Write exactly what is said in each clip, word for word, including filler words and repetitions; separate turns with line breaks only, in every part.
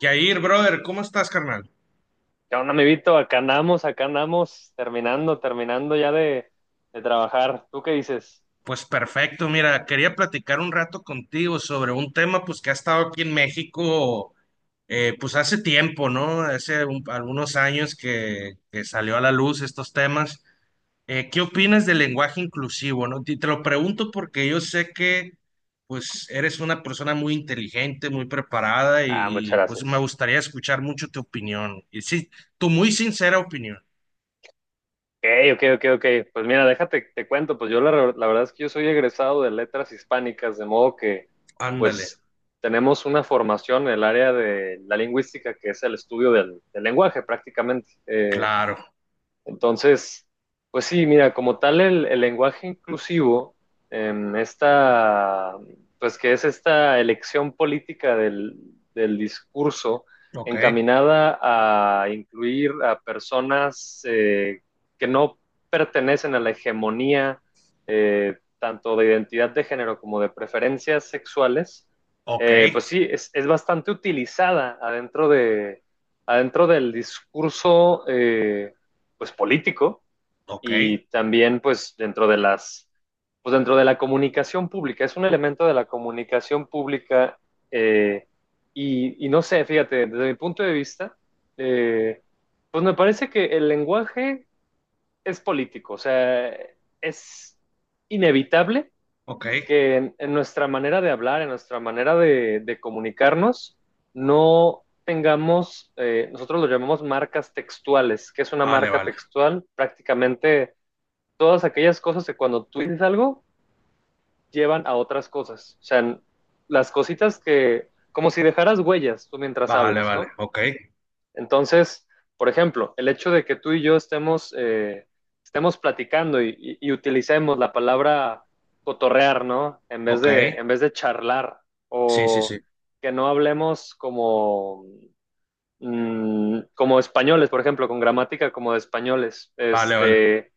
Yair, brother, ¿cómo estás, carnal?
¿Qué onda, amiguito? Acá andamos, acá andamos, terminando, terminando ya de, de trabajar. ¿Tú qué dices?
Pues perfecto, mira, quería platicar un rato contigo sobre un tema pues que ha estado aquí en México eh, pues hace tiempo, ¿no? Hace un- algunos años que, que salió a la luz estos temas. Eh, ¿qué opinas del lenguaje inclusivo, no? Y te lo pregunto porque yo sé que pues eres una persona muy inteligente, muy preparada
Ah, muchas
y, y, pues me
gracias.
gustaría escuchar mucho tu opinión. Y sí, tu muy sincera opinión.
Ok, ok, ok, ok. Pues mira, déjate, te cuento, pues yo la, re- la verdad es que yo soy egresado de letras hispánicas, de modo que
Ándale,
pues tenemos una formación en el área de la lingüística, que es el estudio del, del lenguaje prácticamente. Eh,
claro,
Entonces, pues sí, mira, como tal el, el lenguaje inclusivo, em, esta, pues que es esta elección política del, del discurso
ok,
encaminada a incluir a personas eh, que no pertenecen a la hegemonía eh, tanto de identidad de género como de preferencias sexuales,
ok.
eh, pues sí, es, es bastante utilizada adentro de, adentro del discurso. eh, pues político
Ok,
y también pues dentro de las, pues dentro de la comunicación pública, es un elemento de la comunicación pública eh, y, y, no sé, fíjate, desde mi punto de vista, eh, pues me parece que el lenguaje es político, o sea, es inevitable
ok,
que en, en nuestra manera de hablar, en nuestra manera de, de comunicarnos, no tengamos, eh, nosotros lo llamamos marcas textuales. ¿Qué es una
vale,
marca
vale,
textual? Prácticamente todas aquellas cosas que cuando tú dices algo llevan a otras cosas. O sea, las cositas que, como si dejaras huellas tú mientras
vale,
hablas,
vale,
¿no?
ok,
Entonces, por ejemplo, el hecho de que tú y yo estemos, eh, estemos platicando y, y- y utilicemos la palabra cotorrear, ¿no? En vez
ok,
de, en vez de charlar
sí, sí, sí,
o que no hablemos como, mm, como españoles, por ejemplo, con gramática como de españoles.
vale, vale,
Este,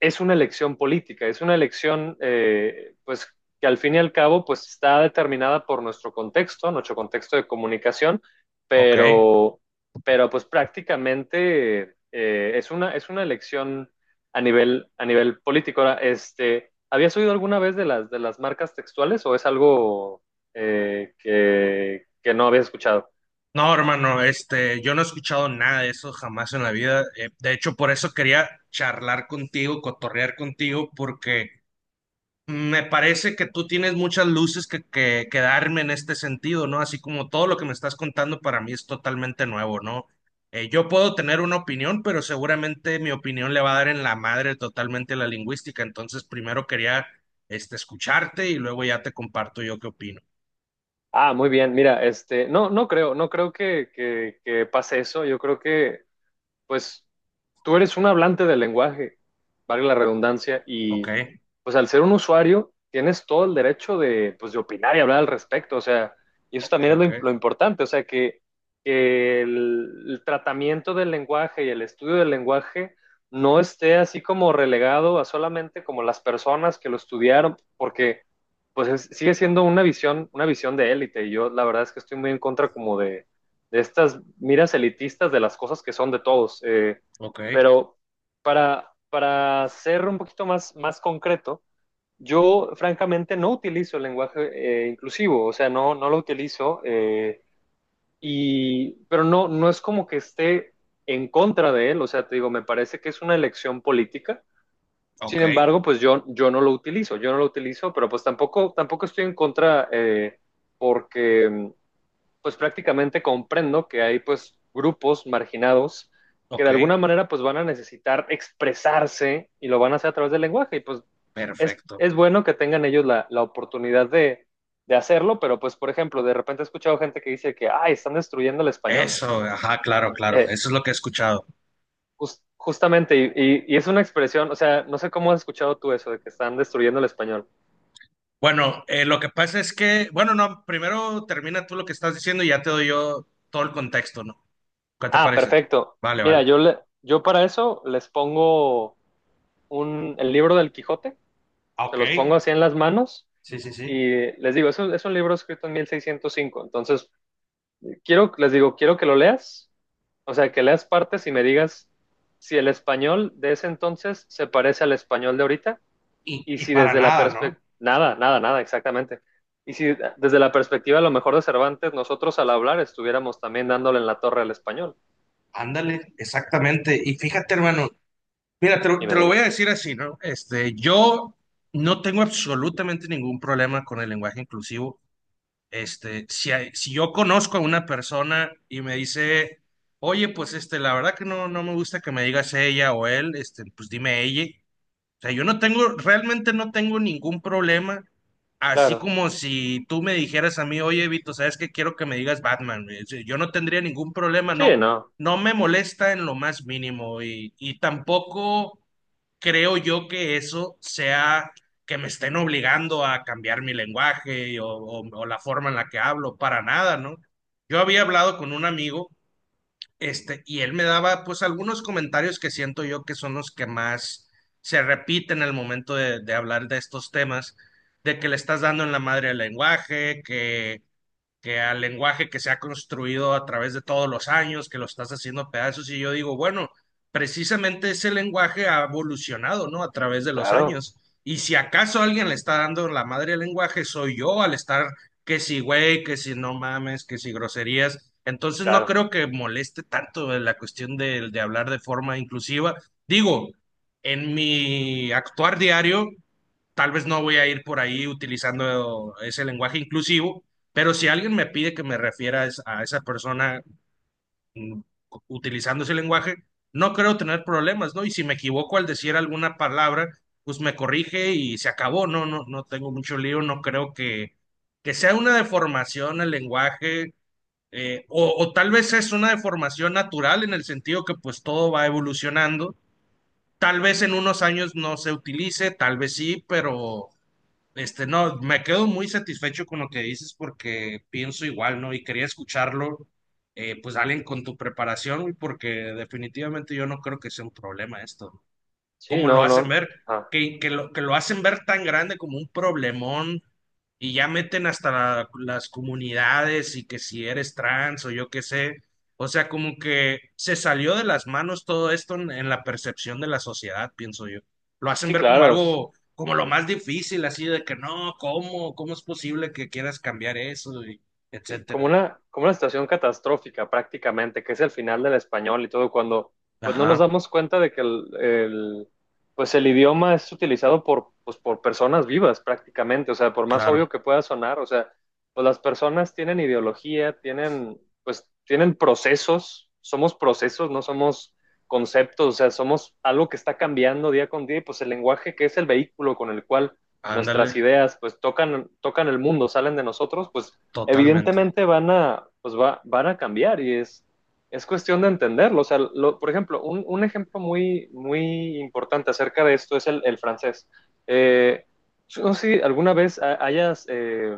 es una elección política, es una elección eh, pues que al fin y al cabo pues está determinada por nuestro contexto, nuestro contexto de comunicación,
ok.
pero, pero pues prácticamente eh, es una, es una elección a nivel, a nivel político. Ahora, este, ¿habías oído alguna vez de las, de las marcas textuales o es algo eh, que, que no habías escuchado?
No, hermano, este, yo no he escuchado nada de eso jamás en la vida. Eh, de hecho, por eso quería charlar contigo, cotorrear contigo, porque me parece que tú tienes muchas luces que, que, que darme en este sentido, ¿no? Así como todo lo que me estás contando para mí es totalmente nuevo, ¿no? Eh, yo puedo tener una opinión, pero seguramente mi opinión le va a dar en la madre totalmente a la lingüística. Entonces, primero quería este, escucharte y luego ya te comparto yo qué opino.
Ah, muy bien. Mira, este, no, no creo, no creo que, que, que pase eso. Yo creo que pues tú eres un hablante del lenguaje, vale la redundancia,
Ok,
y pues al ser un usuario tienes todo el derecho de, pues, de opinar y hablar al respecto, o sea, y eso
ok,
también es lo,
ok,
im- lo importante, o sea, que, que el, el tratamiento del lenguaje y el estudio del lenguaje no esté así como relegado a solamente como las personas que lo estudiaron, porque pues es- sigue siendo una visión, una visión de élite, y yo la verdad es que estoy muy en contra como de de estas miras elitistas de las cosas que son de todos. eh,
ok,
pero para, para ser un poquito más, más concreto, yo francamente no utilizo el lenguaje eh, inclusivo, o sea, no, no lo utilizo, eh, y, pero no, no es como que esté en contra de él, o sea, te digo, me parece que es una elección política. Sin
ok,
embargo, pues yo, yo no lo utilizo, yo no lo utilizo, pero pues tampoco, tampoco estoy en contra eh, porque, pues prácticamente comprendo que hay pues grupos marginados que
ok,
de alguna manera pues van a necesitar expresarse y lo van a hacer a través del lenguaje y pues es,
perfecto.
es bueno que tengan ellos la, la oportunidad de, de, hacerlo, pero pues por ejemplo, de repente he escuchado gente que dice que, ay, están destruyendo el español.
Eso, ajá, claro, claro,
Eh,
eso es lo que he escuchado.
just, justamente, y, y, y es una expresión, o sea, no sé cómo has escuchado tú eso de que están destruyendo el español.
Bueno, eh, lo que pasa es que, bueno, no, primero termina tú lo que estás diciendo y ya te doy yo todo el contexto, ¿no? ¿Qué te
Ah,
parece?
perfecto.
Vale, vale.
Mira, yo, le, yo para eso les pongo un, el libro del Quijote
Ah,
se
ok,
los pongo así en las manos
sí, sí, sí.
y les digo, es un, es un libro escrito en mil seiscientos cinco, entonces quiero, les digo, quiero que lo leas, o sea, que leas partes y me digas si el español de ese entonces se parece al español de ahorita
Y,
y
y
si
para
desde la
nada, ¿no?
perspectiva, nada, nada, nada, exactamente. Y si desde la perspectiva a lo mejor de Cervantes, nosotros al hablar estuviéramos también dándole en la torre al español.
Ándale, exactamente. Y fíjate, hermano, mira, te, lo
Y
te
me
lo voy a
dijo
decir así, ¿no? Este, yo no tengo absolutamente ningún problema con el lenguaje inclusivo. Este, si, hay- si yo conozco a una persona y me dice, oye, pues este, la verdad que no, no me gusta que me digas ella o él, este, pues dime ella. Sea, yo no tengo, realmente no tengo ningún problema. Así
claro,
como si tú me dijeras a mí, oye, Vito, ¿sabes qué? Quiero que me digas Batman. O sea, yo no tendría ningún problema,
sí,
no.
no,
No me molesta en lo más mínimo y, y tampoco creo yo que eso sea que me estén obligando a cambiar mi lenguaje o, o- o la forma en la que hablo, para nada, ¿no? Yo había hablado con un amigo este, y él me daba pues algunos comentarios que siento yo que son los que más se repiten al momento de, de hablar de estos temas, de que le estás dando en la madre al lenguaje, que que al lenguaje que se ha construido a través de todos los años, que lo estás haciendo pedazos, y yo digo, bueno, precisamente ese lenguaje ha evolucionado, ¿no? A través de los
claro,
años. Y si acaso alguien le está dando la madre al lenguaje, soy yo al estar que si güey, que si no mames, que si groserías. Entonces no
claro,
creo que moleste tanto la cuestión de, de hablar de forma inclusiva. Digo, en mi actuar diario, tal vez no voy a ir por ahí utilizando ese lenguaje inclusivo, pero si alguien me pide que me refiera a es- a esa persona mm, cu- utilizando ese lenguaje, no creo tener problemas, ¿no? Y si me equivoco al decir alguna palabra, pues me corrige y se acabó, no, no, no tengo mucho lío, no creo que, que sea una deformación el lenguaje. Eh, o, o tal vez es una deformación natural en el sentido que pues todo va evolucionando. Tal vez en unos años no se utilice, tal vez sí, pero este, no, me quedo muy satisfecho con lo que dices porque pienso igual, ¿no? Y quería escucharlo, eh, pues alguien con tu preparación, güey, porque definitivamente yo no creo que sea un problema esto
sí,
como lo
no,
hacen
no,
ver,
ah,
que, que lo, que lo hacen ver tan grande como un problemón y ya meten hasta la- las comunidades y que si eres trans o yo qué sé. O sea, como que se salió de las manos todo esto en, en la percepción de la sociedad, pienso yo. Lo hacen
sí,
ver como
claro.
algo, como lo más difícil, así de que no, ¿cómo? ¿Cómo es posible que quieras cambiar eso? Y
Sí, como
etcétera.
una, como una situación catastrófica prácticamente, que es el final del español y todo, cuando pues no nos
Ajá,
damos cuenta de que el, el, pues el idioma es utilizado por, pues, por personas vivas prácticamente, o sea, por más
claro,
obvio que pueda sonar, o sea, pues las personas tienen ideología, tienen, pues tienen procesos, somos procesos, no somos conceptos, o sea, somos algo que está cambiando día con día y pues el lenguaje que es el vehículo con el cual
ándale,
nuestras ideas pues tocan, tocan el mundo, salen de nosotros, pues
totalmente.
evidentemente van a, pues va, van a cambiar y es, es cuestión de entenderlo. O sea, lo- por ejemplo, un, un ejemplo muy, muy importante acerca de esto es el, el francés. Eh, yo no sé si alguna vez ha- hayas eh,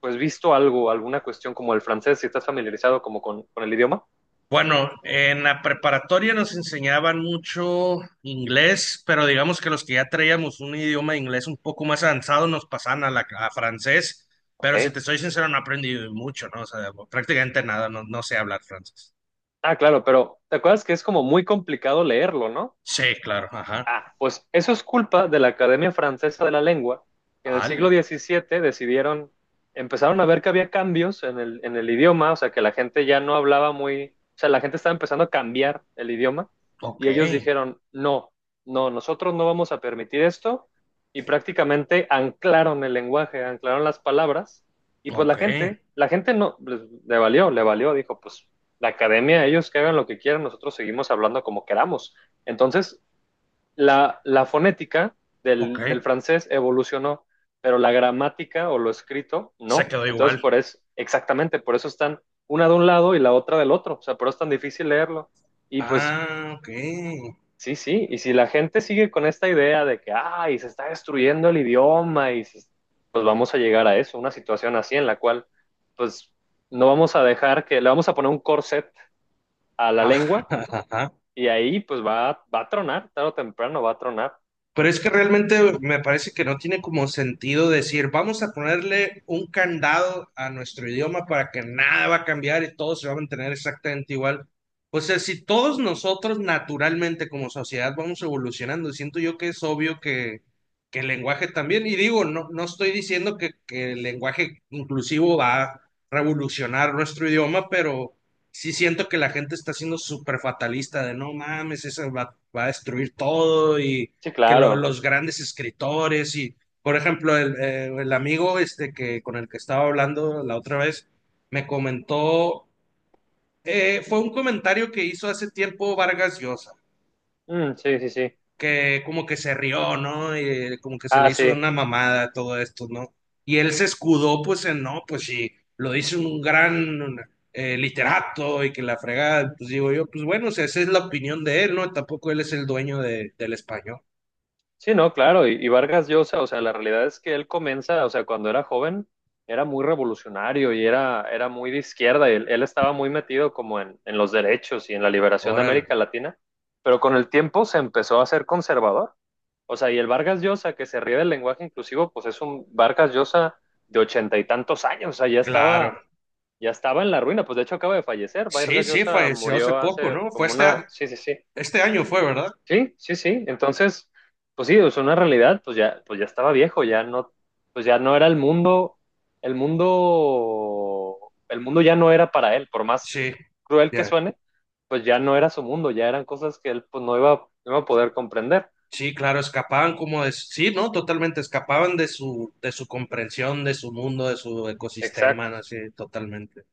pues visto algo, alguna cuestión como el francés, si estás familiarizado como con, con el idioma.
Bueno, en la preparatoria nos enseñaban mucho inglés, pero digamos que los que ya traíamos un idioma de inglés un poco más avanzado nos pasaban a, la, a francés,
Ok.
pero si te soy sincero, no aprendí mucho, ¿no? O sea, prácticamente nada, no, no sé hablar francés.
Ah, claro, pero ¿te acuerdas que es como muy complicado leerlo, ¿no?
Sí, claro, ajá.
Ah, pues eso es culpa de la Academia Francesa de la Lengua, que en el siglo
Vale,
diecisiete decidieron, empezaron a ver que había cambios en el, en el idioma, o sea, que la gente ya no hablaba muy, o sea, la gente estaba empezando a cambiar el idioma
ok,
y ellos dijeron, no, no, nosotros no vamos a permitir esto y prácticamente anclaron el lenguaje, anclaron las palabras y pues
ok,
la gente, la gente no, les- le valió, le valió, dijo, pues la academia, ellos que hagan lo que quieran, nosotros seguimos hablando como queramos. Entonces, la, la fonética
ok.
del, del francés evolucionó, pero la gramática o lo escrito
Se
no.
quedó
Entonces,
igual.
por eso, exactamente, por eso están una de un lado y la otra del otro. O sea, por eso es tan difícil leerlo. Y pues,
Ah, ok.
sí, sí. Y si la gente sigue con esta idea de que, ay, se está destruyendo el idioma, y se- pues vamos a llegar a eso, una situación así en la cual, pues, no vamos a dejar que, le vamos a poner un corset a la lengua
Ajá,
y ahí, pues, va, va a tronar, tarde o temprano va a tronar.
pero es que realmente me parece que no tiene como sentido decir, vamos a ponerle un candado a nuestro idioma para que nada va a cambiar y todo se va a mantener exactamente igual. O sea, si todos nosotros naturalmente como sociedad vamos evolucionando, siento yo que es obvio que, que el lenguaje también, y digo, no, no estoy diciendo que, que el lenguaje inclusivo va a revolucionar nuestro idioma, pero sí siento que la gente está siendo súper fatalista de no mames, eso va, va a destruir todo y
Sí,
que lo-
claro.
los grandes escritores y, por ejemplo, el, eh, el amigo este que con el que estaba hablando la otra vez me comentó, eh, fue un comentario que hizo hace tiempo Vargas Llosa,
Mm, sí, sí, sí.
que como que se rió, ¿no? Y como que se le
Ah,
hizo
sí.
una mamada todo esto, ¿no? Y él se escudó, pues, en, no, pues sí, lo dice un gran eh, literato y que la fregada, pues digo yo, pues bueno, o sea, esa es la opinión de él, ¿no? Tampoco él es el dueño de- del español.
Sí, no, claro. Y, y Vargas Llosa, o sea, la realidad es que él comienza, o sea, cuando era joven, era muy revolucionario y era, era muy de izquierda. Y él, él estaba muy metido como en, en los derechos y en la liberación de
Órale,
América Latina, pero con el tiempo se empezó a ser conservador. O sea, y el Vargas Llosa, que se ríe del lenguaje inclusivo, pues es un Vargas Llosa de ochenta y tantos años. O sea, ya
claro.
estaba, ya estaba en la ruina. Pues de hecho acaba de fallecer.
Sí,
Vargas
sí,
Llosa
falleció hace
murió
poco,
hace
¿no? Fue
como
este
una,
año,
sí, sí, sí.
este año fue, ¿verdad?
Sí, sí, sí. Entonces, pues sí, es una realidad, pues ya, pues ya estaba viejo, ya no, pues ya no era el mundo, el mundo, el mundo ya no era para él, por más
Sí,
cruel que
ya.
suene, pues ya no era su mundo, ya eran cosas que él pues no iba, no iba a poder comprender.
Sí, claro, escapaban como de, sí, ¿no? Totalmente, escapaban de su, de su comprensión, de su mundo, de su ecosistema,
Exacto.
¿no? Así, totalmente.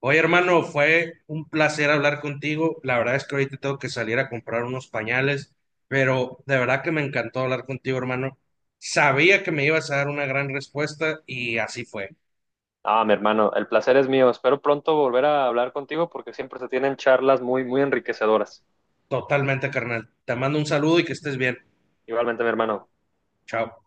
Oye, hermano, fue un placer hablar contigo. La verdad es que ahorita tengo que salir a comprar unos pañales, pero de verdad que me encantó hablar contigo, hermano. Sabía que me ibas a dar una gran respuesta y así fue.
Ah, mi hermano, el placer es mío. Espero pronto volver a hablar contigo porque siempre se tienen charlas muy, muy enriquecedoras.
Totalmente, carnal. Te mando un saludo y que estés bien.
Igualmente, mi hermano.
Chao.